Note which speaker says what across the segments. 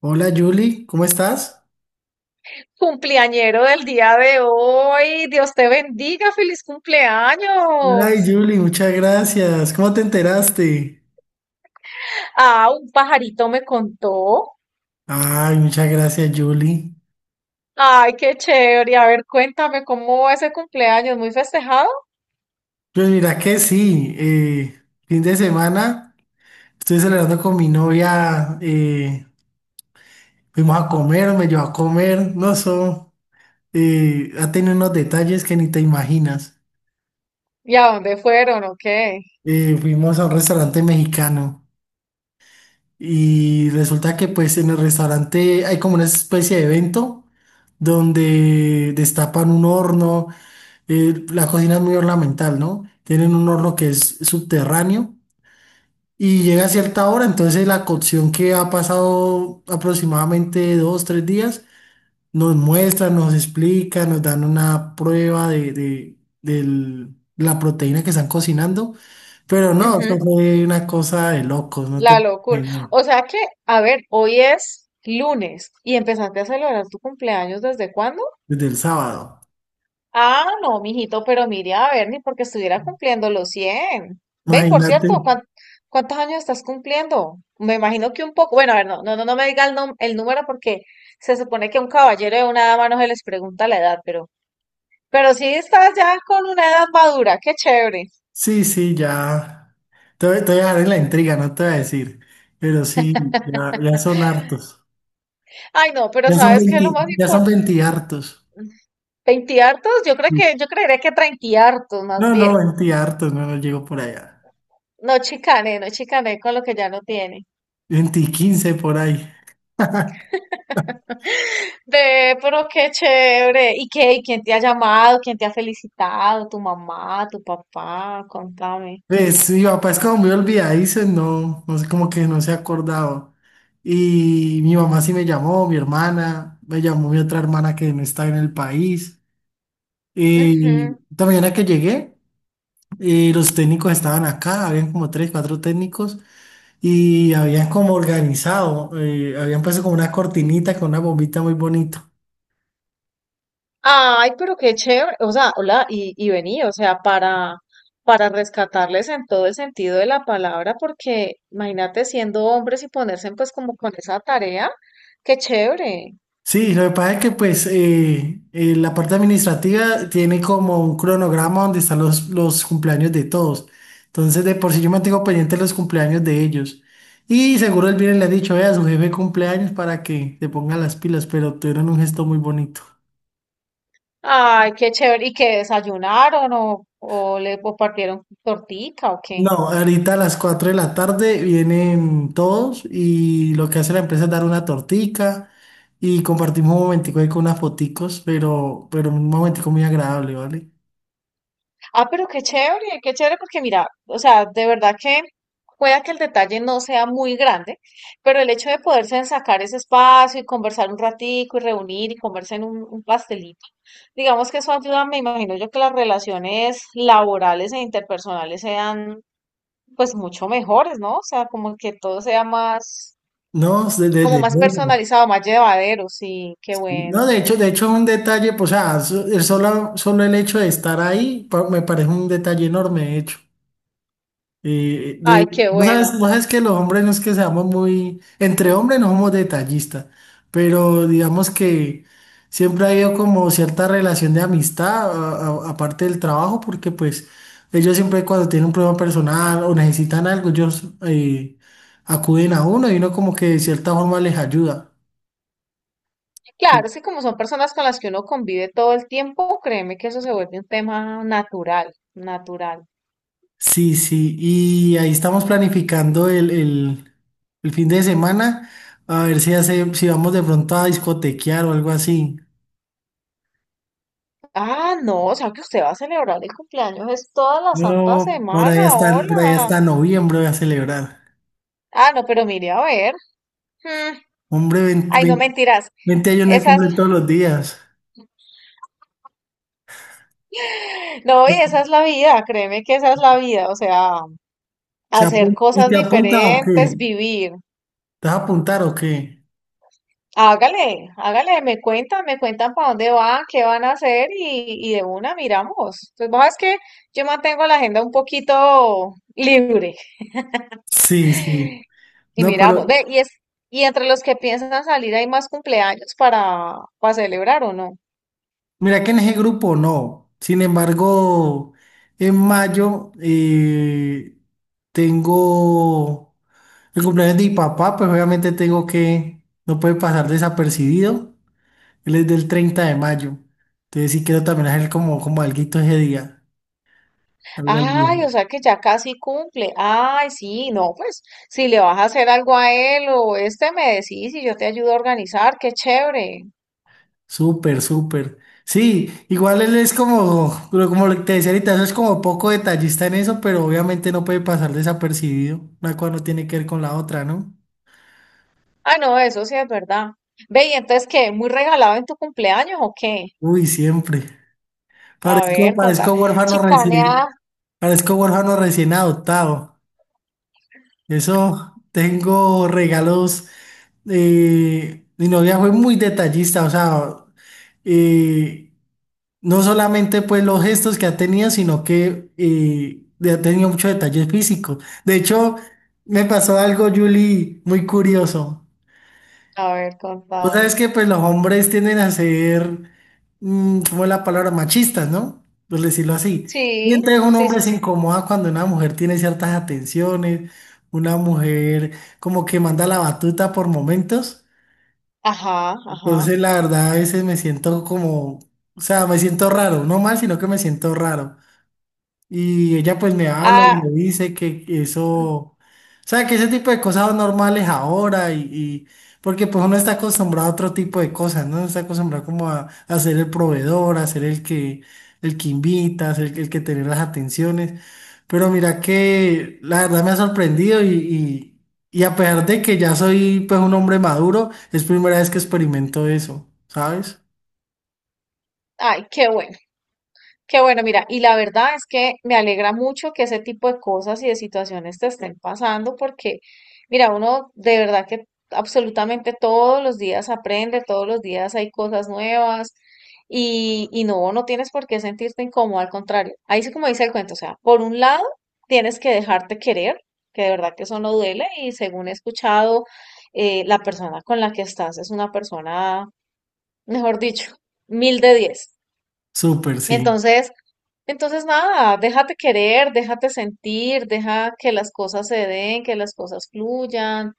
Speaker 1: Hola Julie, ¿cómo estás?
Speaker 2: Cumpleañero del día de hoy, Dios te bendiga, feliz cumpleaños.
Speaker 1: Ay Julie, muchas gracias. ¿Cómo te enteraste?
Speaker 2: Ah, un pajarito me contó.
Speaker 1: Ay, muchas gracias Julie.
Speaker 2: Ay, qué chévere. A ver, cuéntame cómo va ese cumpleaños, muy festejado.
Speaker 1: Pues mira que sí, fin de semana estoy celebrando con mi novia, fuimos a comer, me llevó a comer, no sé, ha tenido unos detalles que ni te imaginas.
Speaker 2: ¿Y a dónde fueron? ¿O qué?
Speaker 1: Fuimos a un restaurante mexicano y resulta que pues en el restaurante hay como una especie de evento donde destapan un horno. La cocina es muy ornamental, ¿no? Tienen un horno que es subterráneo y llega a cierta hora, entonces la cocción que ha pasado aproximadamente dos, tres días, nos muestra, nos explica, nos dan una prueba de, la proteína que están cocinando, pero no,
Speaker 2: Ujú,
Speaker 1: eso fue una cosa de locos, no
Speaker 2: la
Speaker 1: te
Speaker 2: locura.
Speaker 1: imaginas,
Speaker 2: O sea que, a ver, hoy es lunes y empezaste a celebrar tu cumpleaños, ¿desde cuándo?
Speaker 1: desde el sábado,
Speaker 2: Ah, no, mijito, pero mire, a ver, ni porque estuviera cumpliendo los 100. Ve, y por
Speaker 1: imagínate.
Speaker 2: cierto, ¿cuántos años estás cumpliendo? Me imagino que un poco. Bueno, a ver, no, no, no me diga el, el número porque se supone que a un caballero y a una dama no se les pregunta la edad, pero sí estás ya con una edad madura, qué chévere.
Speaker 1: Sí, sí, ya. Te voy a dejar en la intriga, no te voy a decir. Pero sí, ya, ya son hartos.
Speaker 2: Ay, no, pero
Speaker 1: Ya son
Speaker 2: ¿sabes qué es
Speaker 1: 20,
Speaker 2: lo más
Speaker 1: ya son
Speaker 2: importante?
Speaker 1: 20 hartos.
Speaker 2: ¿20 hartos? Yo creo que, yo creería que 30 hartos
Speaker 1: No,
Speaker 2: más
Speaker 1: no,
Speaker 2: bien.
Speaker 1: 20 hartos, no, no llego por allá.
Speaker 2: No chicané, no chicané con lo que ya no tiene.
Speaker 1: 20 y 15 por ahí.
Speaker 2: Ve, pero qué chévere. ¿Y qué? ¿Y quién te ha llamado? ¿Quién te ha felicitado? ¿Tu mamá? ¿Tu papá? Contame.
Speaker 1: Pues mi papá es como muy olvidadizo, no, no sé, como que no se ha acordado. Y mi mamá sí me llamó, mi hermana, me llamó mi otra hermana que no está en el país. Y
Speaker 2: Ujú.
Speaker 1: esta mañana que llegué, los técnicos estaban acá, habían como tres, cuatro técnicos. Y habían como organizado, habían puesto como una cortinita con una bombita muy bonito.
Speaker 2: Ay, pero qué chévere. O sea, hola, y vení, o sea, para rescatarles en todo el sentido de la palabra, porque imagínate siendo hombres y ponerse pues como con esa tarea, qué chévere.
Speaker 1: Sí, lo que pasa es que pues la parte administrativa tiene como un cronograma donde están los cumpleaños de todos. Entonces de por sí yo mantengo pendiente los cumpleaños de ellos. Y seguro el viernes le ha dicho, vea, su jefe cumpleaños para que te ponga las pilas, pero tuvieron un gesto muy bonito.
Speaker 2: Ay, qué chévere. ¿Y que desayunaron o le o partieron tortica o
Speaker 1: No,
Speaker 2: qué?
Speaker 1: ahorita a las 4 de la tarde vienen todos y lo que hace la empresa es dar una tortica y compartimos un momentico ahí con unas foticos, pero un momentico muy agradable, ¿vale?
Speaker 2: Ah, pero qué chévere porque mira, o sea, de verdad que pueda que el detalle no sea muy grande, pero el hecho de poderse sacar ese espacio y conversar un ratico y reunir y comerse en un pastelito, digamos que eso ayuda, me imagino yo que las relaciones laborales e interpersonales sean pues mucho mejores, ¿no? O sea, como que todo sea más,
Speaker 1: No,
Speaker 2: como
Speaker 1: desde
Speaker 2: más
Speaker 1: luego.
Speaker 2: personalizado, más llevadero, sí, qué
Speaker 1: No,
Speaker 2: bueno.
Speaker 1: de hecho es un detalle, pues, o sea, solo el hecho de estar ahí me parece un detalle enorme, de hecho.
Speaker 2: Ay, qué
Speaker 1: No
Speaker 2: bueno.
Speaker 1: sabes, vos sabes que los hombres no es que seamos muy, entre hombres no somos detallistas, pero digamos que siempre ha habido como cierta relación de amistad, aparte del trabajo, porque pues ellos siempre cuando tienen un problema personal o necesitan algo, ellos acuden a uno y uno como que de cierta forma les ayuda.
Speaker 2: Claro, es que como son personas con las que uno convive todo el tiempo, créeme que eso se vuelve un tema natural, natural.
Speaker 1: Sí, sí, y ahí estamos planificando el fin de semana, a ver si hace, si vamos de pronto a discotequear o algo así.
Speaker 2: Ah, no, o sea que usted va a celebrar el cumpleaños, es toda la santa
Speaker 1: No,
Speaker 2: semana,
Speaker 1: por allá
Speaker 2: hola.
Speaker 1: está noviembre voy a celebrar.
Speaker 2: Ah, no, pero mire, a ver. mm,
Speaker 1: Hombre, veinte
Speaker 2: Ay, no
Speaker 1: 20,
Speaker 2: mentiras.
Speaker 1: 20 años no hay
Speaker 2: Esa es,
Speaker 1: cumplir todos los días.
Speaker 2: no, y esa es la vida, créeme que esa es la vida, o sea, hacer
Speaker 1: ¿Y
Speaker 2: cosas
Speaker 1: te apuntas o
Speaker 2: diferentes,
Speaker 1: qué?
Speaker 2: vivir.
Speaker 1: ¿Te vas a apuntar o qué?
Speaker 2: Hágale, hágale, me cuentan para dónde van, qué van a hacer y de una miramos. Pues vos es que yo mantengo la agenda un poquito libre
Speaker 1: Sí, sí.
Speaker 2: y
Speaker 1: No, pero
Speaker 2: miramos. Ve, y es, y entre los que piensan salir hay más cumpleaños para celebrar o no.
Speaker 1: mira que en ese grupo no. Sin embargo, en mayo tengo el cumpleaños de mi papá, pues obviamente tengo que, no puede pasar desapercibido. Él es del 30 de mayo. Entonces sí quiero también hacer como, como alguito ese día. Algo al día.
Speaker 2: Ay, o sea que ya casi cumple. Ay, sí, no, pues si le vas a hacer algo a él o este me decís y yo te ayudo a organizar, qué chévere.
Speaker 1: Súper, súper. Sí, igual él es como, pero como te decía ahorita, eso es como poco detallista en eso, pero obviamente no puede pasar desapercibido. Una cosa no tiene que ver con la otra, ¿no?
Speaker 2: Ah, no, eso sí es verdad. Ve, y entonces, ¿qué? ¿Muy regalado en tu cumpleaños o qué?
Speaker 1: Uy, siempre.
Speaker 2: A
Speaker 1: Parezco,
Speaker 2: ver, contame.
Speaker 1: parezco huérfano
Speaker 2: Chicanea.
Speaker 1: recién, parezco huérfano recién adoptado. Eso, tengo regalos. Mi novia fue muy detallista, o sea, eh, no solamente pues los gestos que ha tenido, sino que ha tenido muchos detalles físicos. De hecho, me pasó algo, Julie, muy curioso.
Speaker 2: A ver,
Speaker 1: Vos sabes
Speaker 2: contame.
Speaker 1: que pues los hombres tienden a ser, ¿cómo es la palabra? Machistas, ¿no? Por decirlo así. Y
Speaker 2: Sí,
Speaker 1: entonces un
Speaker 2: sí,
Speaker 1: hombre
Speaker 2: sí,
Speaker 1: se
Speaker 2: sí.
Speaker 1: incomoda cuando una mujer tiene ciertas atenciones, una mujer como que manda la batuta por momentos.
Speaker 2: Ajá, ajá.
Speaker 1: Entonces, la verdad, a veces me siento como, o sea, me siento raro, no mal, sino que me siento raro. Y ella pues me habla y
Speaker 2: Ah,
Speaker 1: me dice que eso, o sea, que ese tipo de cosas son normales ahora porque pues uno está acostumbrado a otro tipo de cosas, ¿no? Uno está acostumbrado como a ser el proveedor, a ser el que invita, a ser el que tener las atenciones. Pero mira que la verdad me ha sorprendido y a pesar de que ya soy pues un hombre maduro, es primera vez que experimento eso, ¿sabes?
Speaker 2: ay, qué bueno. Qué bueno, mira, y la verdad es que me alegra mucho que ese tipo de cosas y de situaciones te estén pasando porque, mira, uno de verdad que absolutamente todos los días aprende, todos los días hay cosas nuevas y no, no tienes por qué sentirte incómodo, al contrario. Ahí sí como dice el cuento, o sea, por un lado tienes que dejarte querer, que de verdad que eso no duele y según he escuchado, la persona con la que estás es una persona, mejor dicho, mil de diez.
Speaker 1: Súper, sí.
Speaker 2: Entonces, entonces, nada, déjate querer, déjate sentir, deja que las cosas se den, que las cosas fluyan.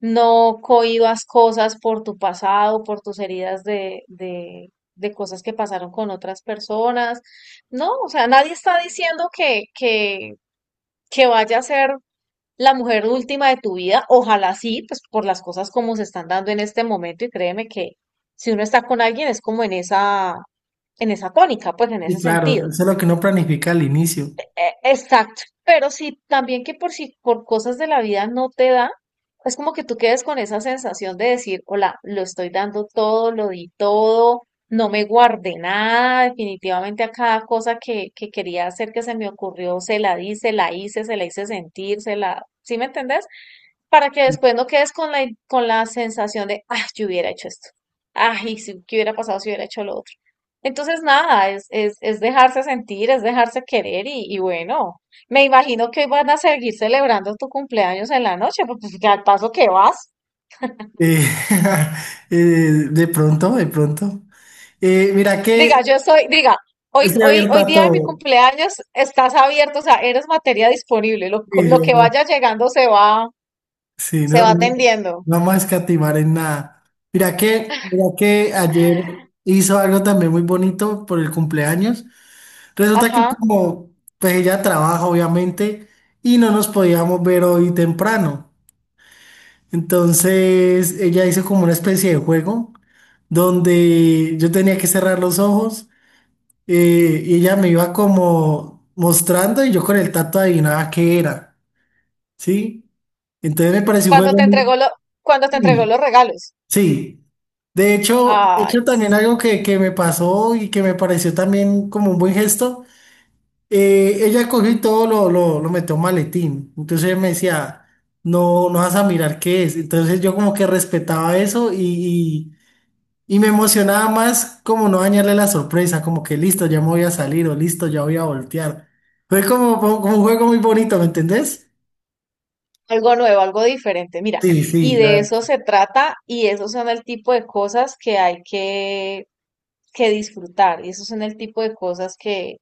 Speaker 2: No cohibas cosas por tu pasado, por tus heridas de cosas que pasaron con otras personas. No, o sea, nadie está diciendo que vaya a ser la mujer última de tu vida. Ojalá sí, pues por las cosas como se están dando en este momento. Y créeme que si uno está con alguien es como en esa tónica, pues en ese
Speaker 1: Y claro,
Speaker 2: sentido
Speaker 1: eso es lo que uno planifica al inicio.
Speaker 2: exacto. Pero si también que por si por cosas de la vida no te da, es como que tú quedes con esa sensación de decir, hola, lo estoy dando todo, lo di todo, no me guardé nada, definitivamente a cada cosa que quería hacer que se me ocurrió, se la di, se la hice sentir, se la, ¿sí me entendés? Para que después no quedes con la sensación de, ah, yo hubiera hecho esto. Ay, si, ¿qué hubiera pasado si hubiera hecho lo otro? Entonces, nada, es dejarse sentir, es dejarse querer y bueno, me imagino que hoy van a seguir celebrando tu cumpleaños en la noche, pues pues, al paso que vas.
Speaker 1: Eh, eh, de pronto, de pronto. Mira
Speaker 2: Diga,
Speaker 1: que
Speaker 2: yo soy, diga, hoy,
Speaker 1: estoy
Speaker 2: hoy,
Speaker 1: abierto
Speaker 2: hoy
Speaker 1: a
Speaker 2: día de mi
Speaker 1: todo.
Speaker 2: cumpleaños estás abierto, o sea, eres materia disponible,
Speaker 1: Y
Speaker 2: lo
Speaker 1: yo,
Speaker 2: que
Speaker 1: no,
Speaker 2: vaya llegando
Speaker 1: sí,
Speaker 2: se
Speaker 1: no,
Speaker 2: va
Speaker 1: no, no
Speaker 2: atendiendo.
Speaker 1: vamos a escatimar en nada. Mira que ayer hizo algo también muy bonito por el cumpleaños. Resulta que
Speaker 2: Ajá,
Speaker 1: como pues ella trabaja, obviamente, y no nos podíamos ver hoy temprano. Entonces, ella hizo como una especie de juego donde yo tenía que cerrar los ojos y ella me iba como mostrando y yo con el tacto adivinaba qué era, ¿sí? Entonces me pareció un
Speaker 2: cuando te
Speaker 1: juego muy...
Speaker 2: entregó lo, cuando te entregó
Speaker 1: Sí,
Speaker 2: los regalos.
Speaker 1: sí. De
Speaker 2: Ay,
Speaker 1: hecho también
Speaker 2: sí.
Speaker 1: algo que me pasó y que me pareció también como un buen gesto, ella cogió y todo lo metió en un maletín. Entonces ella me decía, no, no vas a mirar qué es. Entonces yo como que respetaba eso, y Y me emocionaba más como no dañarle la sorpresa, como que listo, ya me voy a salir o listo, ya voy a voltear. Fue como, como un juego muy bonito, ¿me entendés?
Speaker 2: Algo nuevo, algo diferente. Mira,
Speaker 1: Sí,
Speaker 2: y
Speaker 1: sí, la
Speaker 2: de eso
Speaker 1: verdad.
Speaker 2: se trata y esos son el tipo de cosas que hay que disfrutar y esos son el tipo de cosas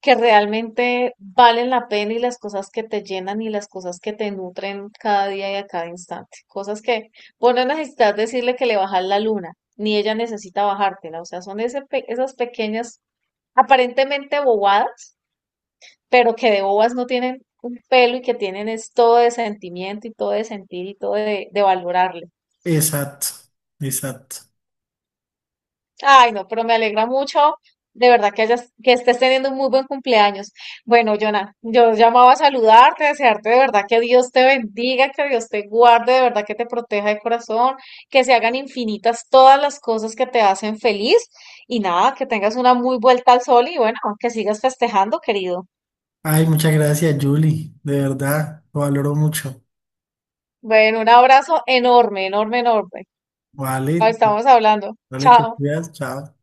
Speaker 2: que realmente valen la pena y las cosas que te llenan y las cosas que te nutren cada día y a cada instante. Cosas que vos no necesitas decirle que le bajas la luna, ni ella necesita bajártela. O sea, son esas pequeñas, aparentemente bobadas pero que de bobas no tienen un pelo y que tienen es todo de sentimiento y todo de sentir y todo de valorarle.
Speaker 1: Exacto, exacto.
Speaker 2: Ay, no, pero me alegra mucho, de verdad que hayas, que estés teniendo un muy buen cumpleaños. Bueno, Jonah, yo llamaba a saludarte, a desearte de verdad que Dios te bendiga, que Dios te guarde, de verdad que te proteja de corazón, que se hagan infinitas todas las cosas que te hacen feliz y nada, que tengas una muy vuelta al sol y bueno, que sigas festejando, querido.
Speaker 1: Ay, muchas gracias, Julie, de verdad, lo valoro mucho.
Speaker 2: Bueno, un abrazo enorme, enorme, enorme. Lo
Speaker 1: Vale,
Speaker 2: estamos hablando.
Speaker 1: vale, te
Speaker 2: Chao.
Speaker 1: cuidas, chao.